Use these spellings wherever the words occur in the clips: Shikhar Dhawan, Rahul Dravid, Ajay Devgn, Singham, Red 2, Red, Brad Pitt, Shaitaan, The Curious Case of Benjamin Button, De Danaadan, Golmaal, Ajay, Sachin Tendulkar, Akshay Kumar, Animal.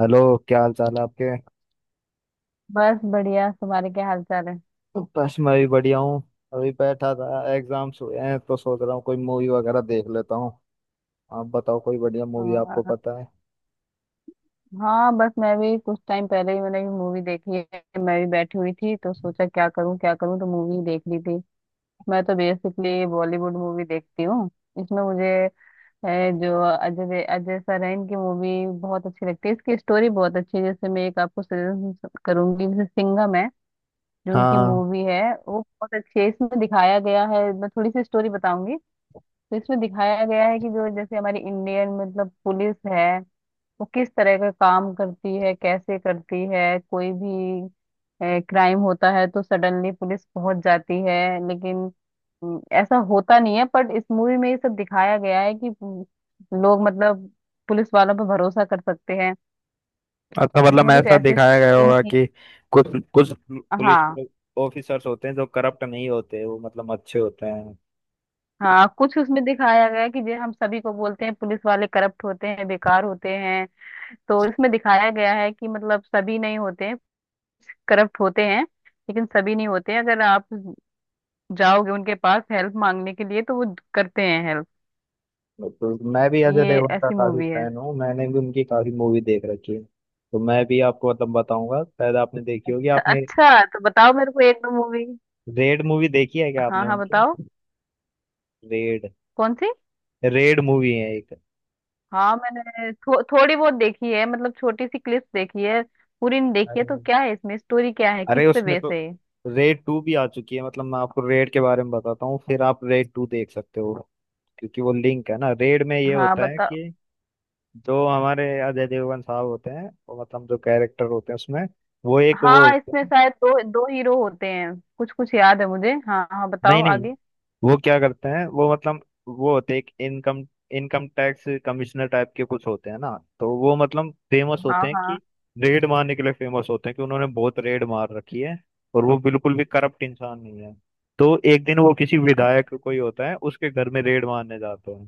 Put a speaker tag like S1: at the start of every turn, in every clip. S1: Hello. क्या हाल चाल है आपके।
S2: बस बढ़िया। तुम्हारे क्या हाल चाल है?
S1: बस मैं भी बढ़िया हूँ। अभी बैठा था, एग्जाम्स हुए हैं तो सोच रहा हूँ कोई मूवी वगैरह देख लेता हूँ। आप बताओ कोई बढ़िया मूवी आपको
S2: और
S1: पता है।
S2: हाँ, बस मैं भी कुछ टाइम पहले ही मैंने भी मूवी देखी है। मैं भी बैठी हुई थी तो सोचा क्या करूँ क्या करूँ, तो मूवी देख ली थी। मैं तो बेसिकली बॉलीवुड मूवी देखती हूँ। इसमें मुझे जो अजय अजय सर हैं, इनकी मूवी बहुत अच्छी लगती है। इसकी स्टोरी बहुत अच्छी है। जैसे मैं एक आपको सजेशन करूंगी, जैसे सिंघम है, जो उनकी
S1: हाँ,
S2: मूवी है। वो बहुत अच्छी है। इसमें दिखाया गया है, मैं थोड़ी सी स्टोरी बताऊंगी। तो इसमें दिखाया गया है कि जो जैसे हमारी इंडियन मतलब पुलिस है, वो किस तरह का काम करती है, कैसे करती है। कोई भी क्राइम होता है तो सडनली पुलिस पहुंच जाती है, लेकिन ऐसा होता नहीं है। बट इस मूवी में ये सब दिखाया गया है कि लोग मतलब पुलिस वालों पर भरोसा कर सकते हैं।
S1: अच्छा, मतलब
S2: इसमें कुछ
S1: ऐसा
S2: ऐसे
S1: दिखाया गया
S2: सीन
S1: होगा
S2: थी।
S1: कि कुछ कुछ पुलिस
S2: हाँ,
S1: ऑफिसर्स होते हैं जो करप्ट नहीं होते, वो मतलब अच्छे होते हैं।
S2: हाँ, कुछ उसमें दिखाया गया है कि जो हम सभी को बोलते हैं पुलिस वाले करप्ट होते हैं, बेकार होते हैं। तो इसमें दिखाया गया है कि मतलब सभी नहीं होते हैं करप्ट होते हैं, लेकिन सभी नहीं होते हैं। अगर आप जाओगे उनके पास हेल्प मांगने के लिए, तो वो करते हैं हेल्प।
S1: तो मैं भी अजय
S2: ये
S1: देवगन का
S2: ऐसी
S1: काफी
S2: मूवी है।
S1: फैन हूँ, मैंने भी उनकी काफी मूवी देख रखी है। तो मैं भी आपको मतलब बताऊंगा, शायद आपने देखी होगी आपने।
S2: अच्छा, तो बताओ मेरे को एक दो मूवी।
S1: रेड मूवी देखी है क्या
S2: हाँ,
S1: आपने
S2: हाँ, बताओ।
S1: उनकी। रेड।
S2: कौन सी?
S1: रेड मूवी है एक।
S2: हाँ, मैंने थोड़ी बहुत देखी है, मतलब छोटी सी क्लिप देखी है। पूरी नहीं देखी है, तो
S1: अरे,
S2: क्या है इसमें स्टोरी, क्या है
S1: अरे
S2: किस पे
S1: उसमें
S2: बेस
S1: तो
S2: है ये?
S1: रेड टू भी आ चुकी है, मतलब मैं आपको रेड के बारे में बताता हूँ फिर आप रेड टू देख सकते हो। क्योंकि वो लिंक है ना। रेड में ये
S2: हाँ,
S1: होता है
S2: बताओ।
S1: कि जो हमारे अजय देवगन साहब होते हैं, वो मतलब जो कैरेक्टर होते हैं उसमें, वो
S2: हाँ,
S1: होते
S2: इसमें
S1: हैं।
S2: शायद दो दो हीरो होते हैं, कुछ कुछ याद है मुझे। हाँ, हाँ,
S1: नहीं
S2: बताओ
S1: नहीं,
S2: आगे।
S1: वो क्या करते हैं, वो मतलब वो होते हैं एक income income tax commissioner type के कुछ होते हैं ना। तो वो मतलब फेमस
S2: हाँ,
S1: होते हैं
S2: हाँ।
S1: कि रेड मारने के लिए फेमस होते हैं, कि उन्होंने बहुत रेड मार रखी है। और वो बिल्कुल भी करप्ट इंसान नहीं है। तो एक दिन वो किसी
S2: अ-
S1: विधायक, कोई होता है, उसके घर में रेड मारने जाते हैं।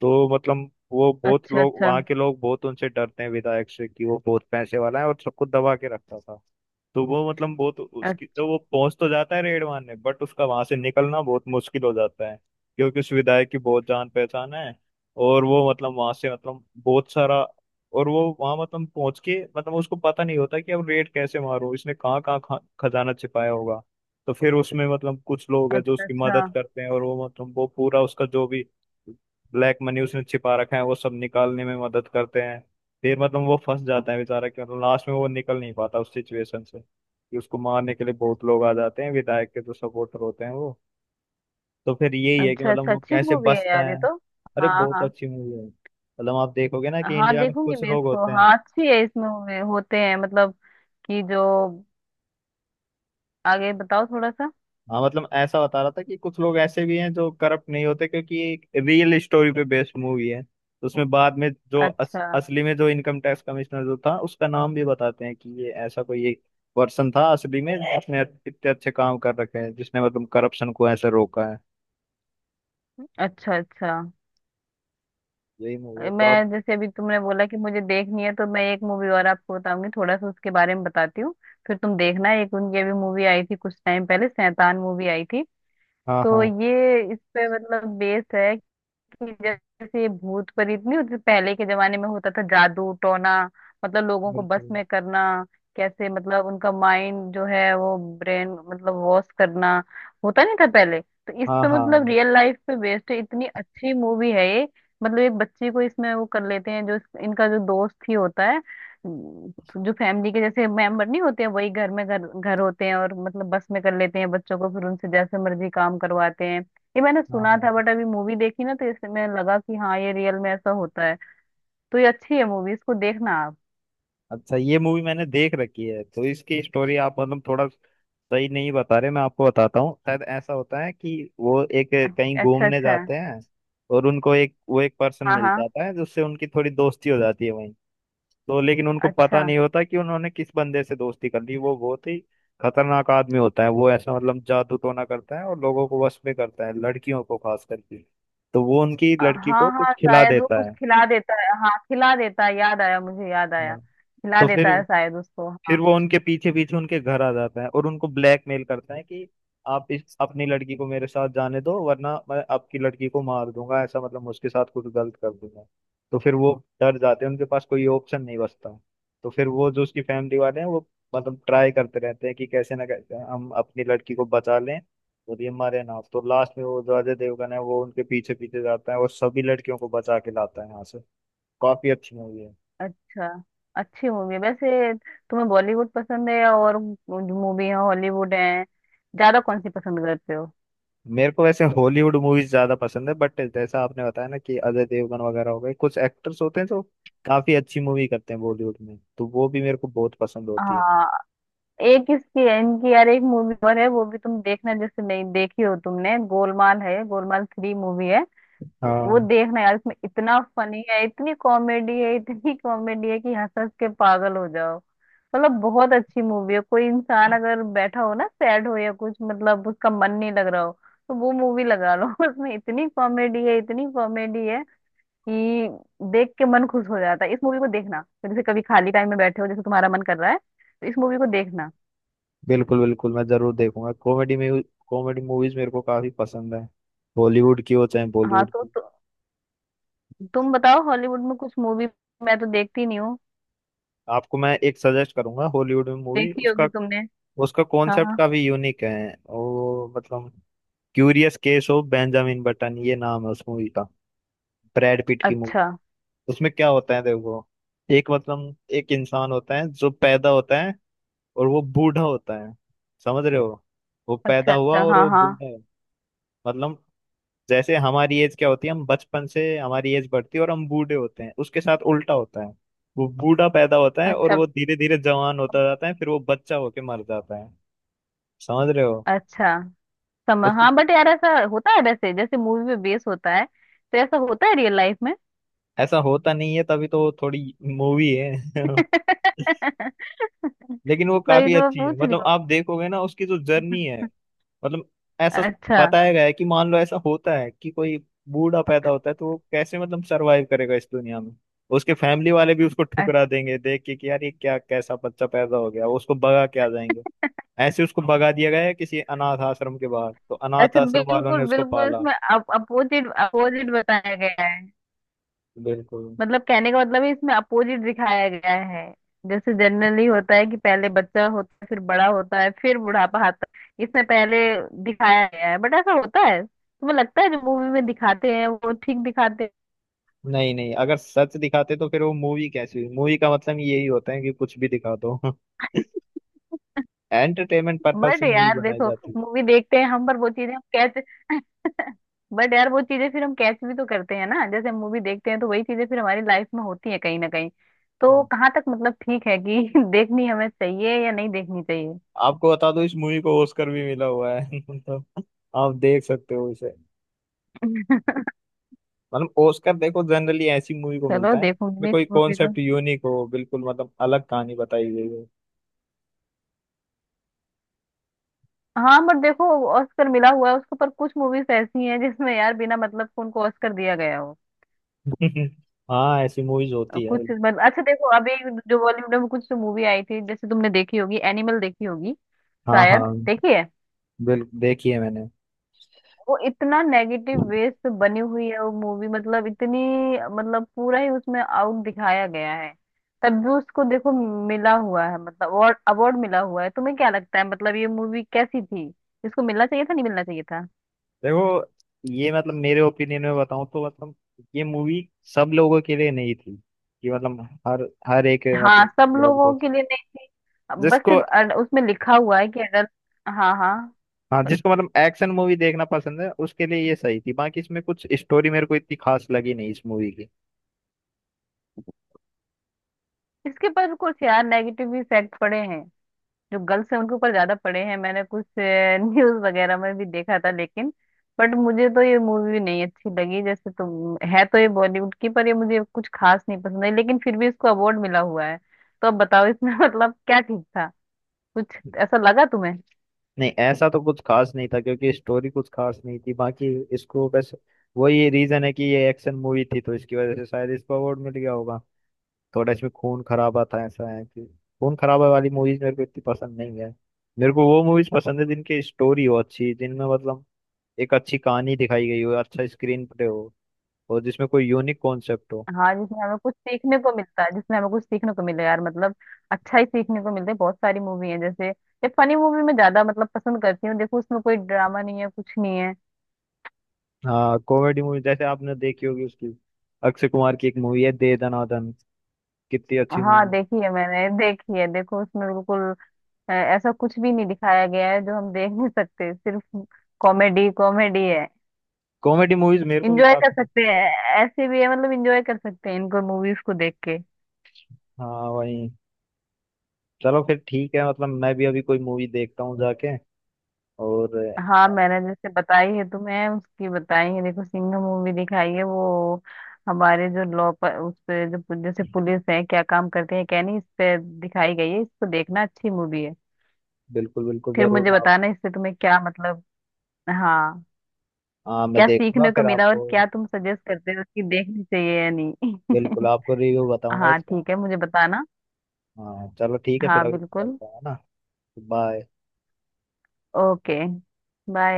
S1: तो मतलब वो बहुत,
S2: अच्छा,
S1: लोग
S2: अच्छा।
S1: वहाँ के लोग बहुत उनसे डरते हैं विधायक से कि वो बहुत पैसे वाला है और सबको दबा के रखता था। तो वो मतलब बहुत
S2: अ-
S1: उसकी, तो वो पहुंच तो जाता है रेड मारने, बट उसका वहां से निकलना बहुत मुश्किल हो जाता है क्योंकि उस विधायक की बहुत जान पहचान है। और वो मतलब वहां से मतलब बहुत सारा, और वो वहां मतलब पहुंच के मतलब उसको पता नहीं होता कि अब रेड कैसे मारूं, इसने कहाँ कहाँ खजाना छिपाया होगा। तो फिर उसमें मतलब कुछ लोग हैं जो
S2: अच्छा,
S1: उसकी
S2: अच्छा।
S1: मदद करते हैं और वो मतलब वो पूरा उसका जो भी ब्लैक मनी उसने छिपा रखा है वो सब निकालने में मदद करते हैं। फिर मतलब वो फंस जाता है बेचारा कि मतलब लास्ट में वो निकल नहीं पाता उस सिचुएशन से, कि उसको मारने के लिए बहुत लोग आ जाते हैं, विधायक के जो सपोर्टर होते हैं वो। तो फिर यही है कि
S2: अच्छा,
S1: मतलब
S2: अच्छा।
S1: वो
S2: अच्छी
S1: कैसे
S2: मूवी है
S1: बचता
S2: यार ये
S1: है।
S2: तो।
S1: अरे
S2: हाँ,
S1: बहुत
S2: हाँ।
S1: अच्छी मूवी है, मतलब आप देखोगे ना कि
S2: हाँ,
S1: इंडिया में
S2: देखूंगी
S1: कुछ
S2: मैं
S1: लोग
S2: इसको।
S1: होते हैं।
S2: हाँ, अच्छी है इसमें होते हैं, मतलब कि जो आगे बताओ थोड़ा सा।
S1: हाँ, मतलब ऐसा बता रहा था कि कुछ लोग ऐसे भी हैं जो करप्ट नहीं होते। क्योंकि ये एक रियल स्टोरी पे बेस्ड मूवी है, तो उसमें बाद में जो अस,
S2: अच्छा,
S1: असली में जो इनकम टैक्स कमिश्नर जो था उसका नाम भी बताते हैं कि ये ऐसा कोई एक पर्सन था असली में जिसने इतने अच्छे काम कर रखे हैं, जिसने मतलब करप्शन को ऐसे रोका है।
S2: अच्छा, अच्छा।
S1: यही मूवी है तो आप।
S2: मैं जैसे अभी तुमने बोला कि मुझे देखनी है, तो मैं एक मूवी और आपको बताऊंगी, थोड़ा सा उसके बारे में बताती हूँ। फिर तुम देखना। एक उनकी अभी मूवी आई थी कुछ टाइम पहले, शैतान मूवी आई थी।
S1: हाँ
S2: तो
S1: हाँ,
S2: ये इस पे मतलब बेस्ड है कि जैसे ये भूत प्रेत नहीं होते। पहले के जमाने में होता था जादू टोना, मतलब लोगों को बस
S1: बिल्कुल।
S2: में करना, कैसे मतलब उनका माइंड जो है वो ब्रेन मतलब वॉश करना, होता नहीं था पहले। तो इस
S1: हाँ
S2: पे
S1: हाँ।
S2: मतलब रियल लाइफ पे बेस्ड है, इतनी अच्छी मूवी है ये। मतलब एक बच्ची को इसमें वो कर लेते हैं, जो इनका जो दोस्त ही होता है, उम, जो फैमिली के जैसे मेंबर नहीं होते हैं, वही घर में घर घर होते हैं और मतलब बस में कर लेते हैं बच्चों को, फिर उनसे जैसे मर्जी काम करवाते हैं। ये मैंने
S1: हाँ
S2: सुना
S1: हाँ।
S2: था बट अभी मूवी देखी ना तो इससे मैं लगा कि हाँ ये रियल में ऐसा होता है। तो ये अच्छी है मूवी, इसको देखना आप।
S1: अच्छा, ये मूवी मैंने देख रखी है तो इसकी स्टोरी आप मतलब थोड़ा सही नहीं बता रहे, मैं आपको बताता हूँ। शायद ऐसा होता है कि वो एक, कहीं
S2: अच्छा,
S1: घूमने
S2: अच्छा।
S1: जाते हैं और उनको एक, वो एक पर्सन
S2: हाँ,
S1: मिल
S2: हाँ।
S1: जाता है जिससे उनकी थोड़ी दोस्ती हो जाती है वहीं। तो लेकिन उनको पता
S2: अच्छा।
S1: नहीं होता कि उन्होंने किस बंदे से दोस्ती कर ली, वो बहुत ही खतरनाक आदमी होता है। वो ऐसा मतलब जादू टोना करता है और लोगों को वश में करता है, लड़कियों को खास करके। तो वो उनकी लड़की
S2: हाँ,
S1: को
S2: हाँ,
S1: कुछ खिला
S2: शायद वो
S1: देता
S2: कुछ
S1: है।
S2: खिला देता है, हाँ खिला देता है, याद आया मुझे, याद आया,
S1: हाँ।
S2: खिला
S1: तो फिर
S2: देता है शायद उसको,
S1: फिर
S2: हाँ।
S1: वो उनके पीछे पीछे उनके घर आ जाता है और उनको ब्लैकमेल करता है कि आप इस, अपनी लड़की को मेरे साथ जाने दो वरना मैं आपकी लड़की को मार दूंगा, ऐसा मतलब मैं उसके साथ कुछ गलत कर दूंगा। तो फिर वो डर जाते हैं, उनके पास कोई ऑप्शन नहीं बचता। तो फिर वो जो उसकी फैमिली वाले हैं वो मतलब ट्राई करते रहते हैं कि कैसे ना कैसे हम अपनी लड़की को बचा लें और ये मरे ना। तो लास्ट में वो जो अजय देवगन है वो उनके पीछे पीछे जाता है और सभी लड़कियों को बचा के लाता है यहाँ से। काफी अच्छी मूवी है।
S2: अच्छा। अच्छी मूवी है वैसे। तुम्हें बॉलीवुड पसंद है और मूवी है, हॉलीवुड है, ज्यादा कौन सी पसंद करते हो?
S1: मेरे को वैसे हॉलीवुड मूवीज ज्यादा पसंद है, बट जैसा आपने बताया ना कि अजय देवगन वगैरह हो गए, कुछ एक्टर्स होते हैं जो काफी अच्छी मूवी करते हैं बॉलीवुड में, तो वो भी मेरे को बहुत पसंद होती है।
S2: हाँ। एक किसकी है इनकी यार, एक मूवी और है वो भी तुम देखना, जैसे नहीं देखी हो तुमने, गोलमाल है, गोलमाल थ्री मूवी है। तो वो
S1: हाँ,
S2: देखना यार, इसमें इतना फनी है, इतनी कॉमेडी है, इतनी कॉमेडी है कि हंस हंस के पागल हो जाओ। मतलब बहुत अच्छी मूवी है। कोई इंसान अगर बैठा हो ना, सैड हो या कुछ मतलब उसका मन नहीं लग रहा हो, तो वो मूवी लगा लो। उसमें इतनी कॉमेडी है, इतनी कॉमेडी है कि देख के मन खुश हो जाता है। इस मूवी को देखना, जैसे कभी खाली टाइम में बैठे हो, जैसे तुम्हारा मन कर रहा है, तो इस मूवी को देखना।
S1: बिल्कुल बिल्कुल, मैं जरूर देखूंगा। कॉमेडी में, कॉमेडी मूवीज मेरे को काफी पसंद है, हॉलीवुड की हो चाहे
S2: हाँ,
S1: बॉलीवुड की।
S2: तो तुम बताओ हॉलीवुड में कुछ मूवी, मैं तो देखती नहीं हूँ,
S1: आपको मैं एक सजेस्ट करूंगा हॉलीवुड में मूवी,
S2: देखी
S1: उसका
S2: होगी तुमने।
S1: उसका कॉन्सेप्ट
S2: हाँ।
S1: काफी यूनिक है और मतलब, curious case of Benjamin Button, ये नाम है उस मूवी का, ब्रैड पिट की।
S2: अच्छा,
S1: उसमें क्या होता है देखो, एक मतलब एक इंसान होता है जो पैदा होता है और वो बूढ़ा होता है। समझ रहे हो, वो पैदा
S2: अच्छा,
S1: हुआ
S2: अच्छा।
S1: और
S2: हाँ,
S1: वो
S2: हाँ।
S1: बूढ़ा है। मतलब जैसे हमारी एज क्या होती है, हम बचपन से हमारी एज बढ़ती है और हम बूढ़े होते हैं, उसके साथ उल्टा होता है। वो बूढ़ा पैदा होता है और
S2: अच्छा,
S1: वो धीरे धीरे जवान होता जाता है, फिर वो बच्चा होके मर जाता है। समझ रहे हो।
S2: अच्छा। समझ,
S1: उसके,
S2: हाँ, बट यार ऐसा होता है वैसे, जैसे मूवी में बेस होता है तो ऐसा होता है रियल लाइफ में।
S1: ऐसा होता नहीं है, तभी तो वो थोड़ी मूवी है
S2: तभी
S1: लेकिन वो
S2: तो मैं
S1: काफी अच्छी है,
S2: पूछ रही
S1: मतलब
S2: हूँ।
S1: आप देखोगे ना उसकी जो जर्नी है। मतलब ऐसा
S2: अच्छा,
S1: बताया गया है कि मान लो ऐसा होता है कि कोई बूढ़ा पैदा होता है तो वो कैसे मतलब सरवाइव करेगा इस दुनिया में। उसके फैमिली वाले भी उसको
S2: अच्छा।
S1: ठुकरा देंगे देख के कि यार ये क्या, कैसा बच्चा पैदा हो गया, वो उसको भगा के आ जाएंगे। ऐसे उसको भगा दिया गया है किसी अनाथ आश्रम के बाहर, तो अनाथ
S2: अच्छा,
S1: आश्रम वालों
S2: बिल्कुल
S1: ने उसको
S2: बिल्कुल,
S1: पाला।
S2: इसमें अपोजिट अपोजिट बताया गया।
S1: बिल्कुल।
S2: मतलब कहने का मतलब है इसमें अपोजिट दिखाया गया है। जैसे जनरली होता है कि पहले बच्चा होता है फिर बड़ा होता है फिर बुढ़ापा आता है, इसमें पहले दिखाया गया है। बट ऐसा होता है, तुम्हें लगता है जो मूवी में दिखाते हैं वो ठीक दिखाते हैं?
S1: नहीं नहीं, अगर सच दिखाते तो फिर वो मूवी कैसी हुई। मूवी का मतलब यही होता है कि कुछ भी दिखा दो एंटरटेनमेंट पर्पज
S2: बट
S1: से मूवी
S2: यार
S1: बनाई
S2: देखो
S1: जाती
S2: मूवी देखते हैं हम, पर वो चीजें हम कैच बट यार वो चीजें फिर हम कैच भी तो करते हैं ना, जैसे मूवी देखते हैं तो वही चीजें फिर हमारी लाइफ में होती है कहीं ना कहीं। तो
S1: है।
S2: कहाँ तक मतलब ठीक है कि देखनी हमें चाहिए या नहीं देखनी
S1: आपको बता दूं, इस मूवी को ऑस्कर भी मिला हुआ है तो आप देख सकते हो इसे।
S2: चाहिए।
S1: मतलब ऑस्कर देखो जनरली ऐसी मूवी को
S2: चलो
S1: मिलता है
S2: देखूंगी
S1: में
S2: मैं इस
S1: कोई
S2: मूवी को।
S1: कॉन्सेप्ट यूनिक हो, बिल्कुल मतलब अलग कहानी बताई गई हो।
S2: हाँ, बट देखो ऑस्कर मिला हुआ है उसके पर, कुछ मूवीज ऐसी हैं जिसमें यार बिना मतलब को उनको ऑस्कर दिया गया हो।
S1: हाँ ऐसी मूवीज होती है।
S2: कुछ मतलब, अच्छा देखो अभी जो बॉलीवुड में कुछ मूवी आई थी, जैसे तुमने देखी होगी एनिमल देखी होगी,
S1: हाँ
S2: शायद
S1: हाँ।
S2: देखी है।
S1: बिल्कुल देखी है मैंने।
S2: वो इतना नेगेटिव वे से बनी हुई है वो मूवी, मतलब इतनी मतलब पूरा ही उसमें आउट दिखाया गया है। तब भी उसको देखो मिला हुआ है, मतलब अवार्ड अवार्ड मिला हुआ है। तुम्हें क्या लगता है, मतलब ये मूवी कैसी थी? इसको मिलना चाहिए था, नहीं मिलना चाहिए था?
S1: देखो ये मतलब मेरे ओपिनियन में बताऊं तो मतलब ये मूवी सब लोगों के लिए नहीं थी, कि मतलब हर हर एक
S2: हाँ,
S1: मतलब
S2: सब
S1: लोग
S2: लोगों के
S1: देखे।
S2: लिए नहीं थी। अब बस
S1: जिसको,
S2: सिर्फ उसमें लिखा हुआ है कि अडल्ट। हाँ, हाँ।
S1: हाँ जिसको मतलब एक्शन मूवी देखना पसंद है उसके लिए ये सही थी, बाकी इसमें कुछ स्टोरी मेरे को इतनी खास लगी नहीं इस मूवी की।
S2: इसके पर कुछ यार नेगेटिव इफेक्ट पड़े हैं, जो गर्ल्स हैं उनके ऊपर ज्यादा पड़े हैं, मैंने कुछ न्यूज वगैरह में भी देखा था। लेकिन बट मुझे तो ये मूवी नहीं अच्छी लगी, जैसे तुम है तो ये बॉलीवुड की, पर ये मुझे कुछ खास नहीं पसंद है, लेकिन फिर भी इसको अवार्ड मिला हुआ है। तो अब बताओ इसमें मतलब क्या ठीक था, कुछ ऐसा लगा तुम्हें?
S1: नहीं ऐसा तो कुछ खास नहीं था क्योंकि स्टोरी कुछ खास नहीं थी बाकी। इसको बस, वही रीजन है कि ये एक्शन मूवी थी तो इसकी वजह से शायद इसको अवार्ड मिल गया होगा। थोड़ा इसमें खून खराबा था, ऐसा है कि खून खराबा वाली मूवीज मेरे को इतनी पसंद नहीं है। मेरे को वो मूवीज पसंद है जिनकी स्टोरी हो अच्छी, जिनमें मतलब एक अच्छी कहानी दिखाई गई हो, अच्छा स्क्रीन प्ले हो, और जिसमें कोई यूनिक कॉन्सेप्ट हो।
S2: हाँ, जिसमें हमें कुछ सीखने को मिलता है, जिसमें हमें कुछ सीखने को मिले यार मतलब। अच्छा ही सीखने को मिलता है। बहुत सारी मूवी है, जैसे ये फनी मूवी मैं ज्यादा मतलब पसंद करती हूँ। देखो उसमें कोई ड्रामा नहीं है, कुछ नहीं है।
S1: हाँ कॉमेडी मूवी जैसे आपने देखी होगी उसकी, अक्षय कुमार की एक मूवी है दे दनादन, कितनी अच्छी मूवी
S2: हाँ
S1: है।
S2: देखी है, मैंने देखी है, देखो उसमें बिल्कुल ऐसा कुछ भी नहीं दिखाया गया है जो हम देख नहीं सकते, सिर्फ कॉमेडी कॉमेडी है।
S1: कॉमेडी मूवीज मेरे को भी
S2: इंजॉय कर
S1: काफी पसंद
S2: सकते हैं, ऐसे भी है मतलब इंजॉय कर सकते हैं इनको मूवीज को देख के।
S1: है। हाँ वही। चलो फिर ठीक है, मतलब मैं भी अभी कोई मूवी देखता हूँ जाके। और
S2: हाँ,
S1: अ,
S2: मैंने जैसे बताई है तुम्हें, उसकी बताई है देखो, सिंघम मूवी दिखाई है, वो हमारे जो लॉ पर, उस पे जो जैसे पुलिस है क्या काम करते हैं क्या नहीं, इस पे दिखाई गई है। इसको देखना, अच्छी मूवी है।
S1: बिल्कुल बिल्कुल
S2: फिर
S1: जरूर
S2: मुझे
S1: मैं आप,
S2: बताना इससे तुम्हें क्या मतलब। हाँ,
S1: हाँ मैं
S2: क्या
S1: देखूंगा
S2: सीखने को
S1: फिर
S2: मिला और
S1: आपको,
S2: क्या तुम सजेस्ट करते हो कि देखनी चाहिए या
S1: बिल्कुल
S2: नहीं।
S1: आपको रिव्यू बताऊंगा
S2: हाँ,
S1: इसका।
S2: ठीक है, मुझे बताना।
S1: हाँ चलो ठीक है फिर,
S2: हाँ,
S1: अभी
S2: बिल्कुल।
S1: चलता है ना। बाय।
S2: ओके। बाय।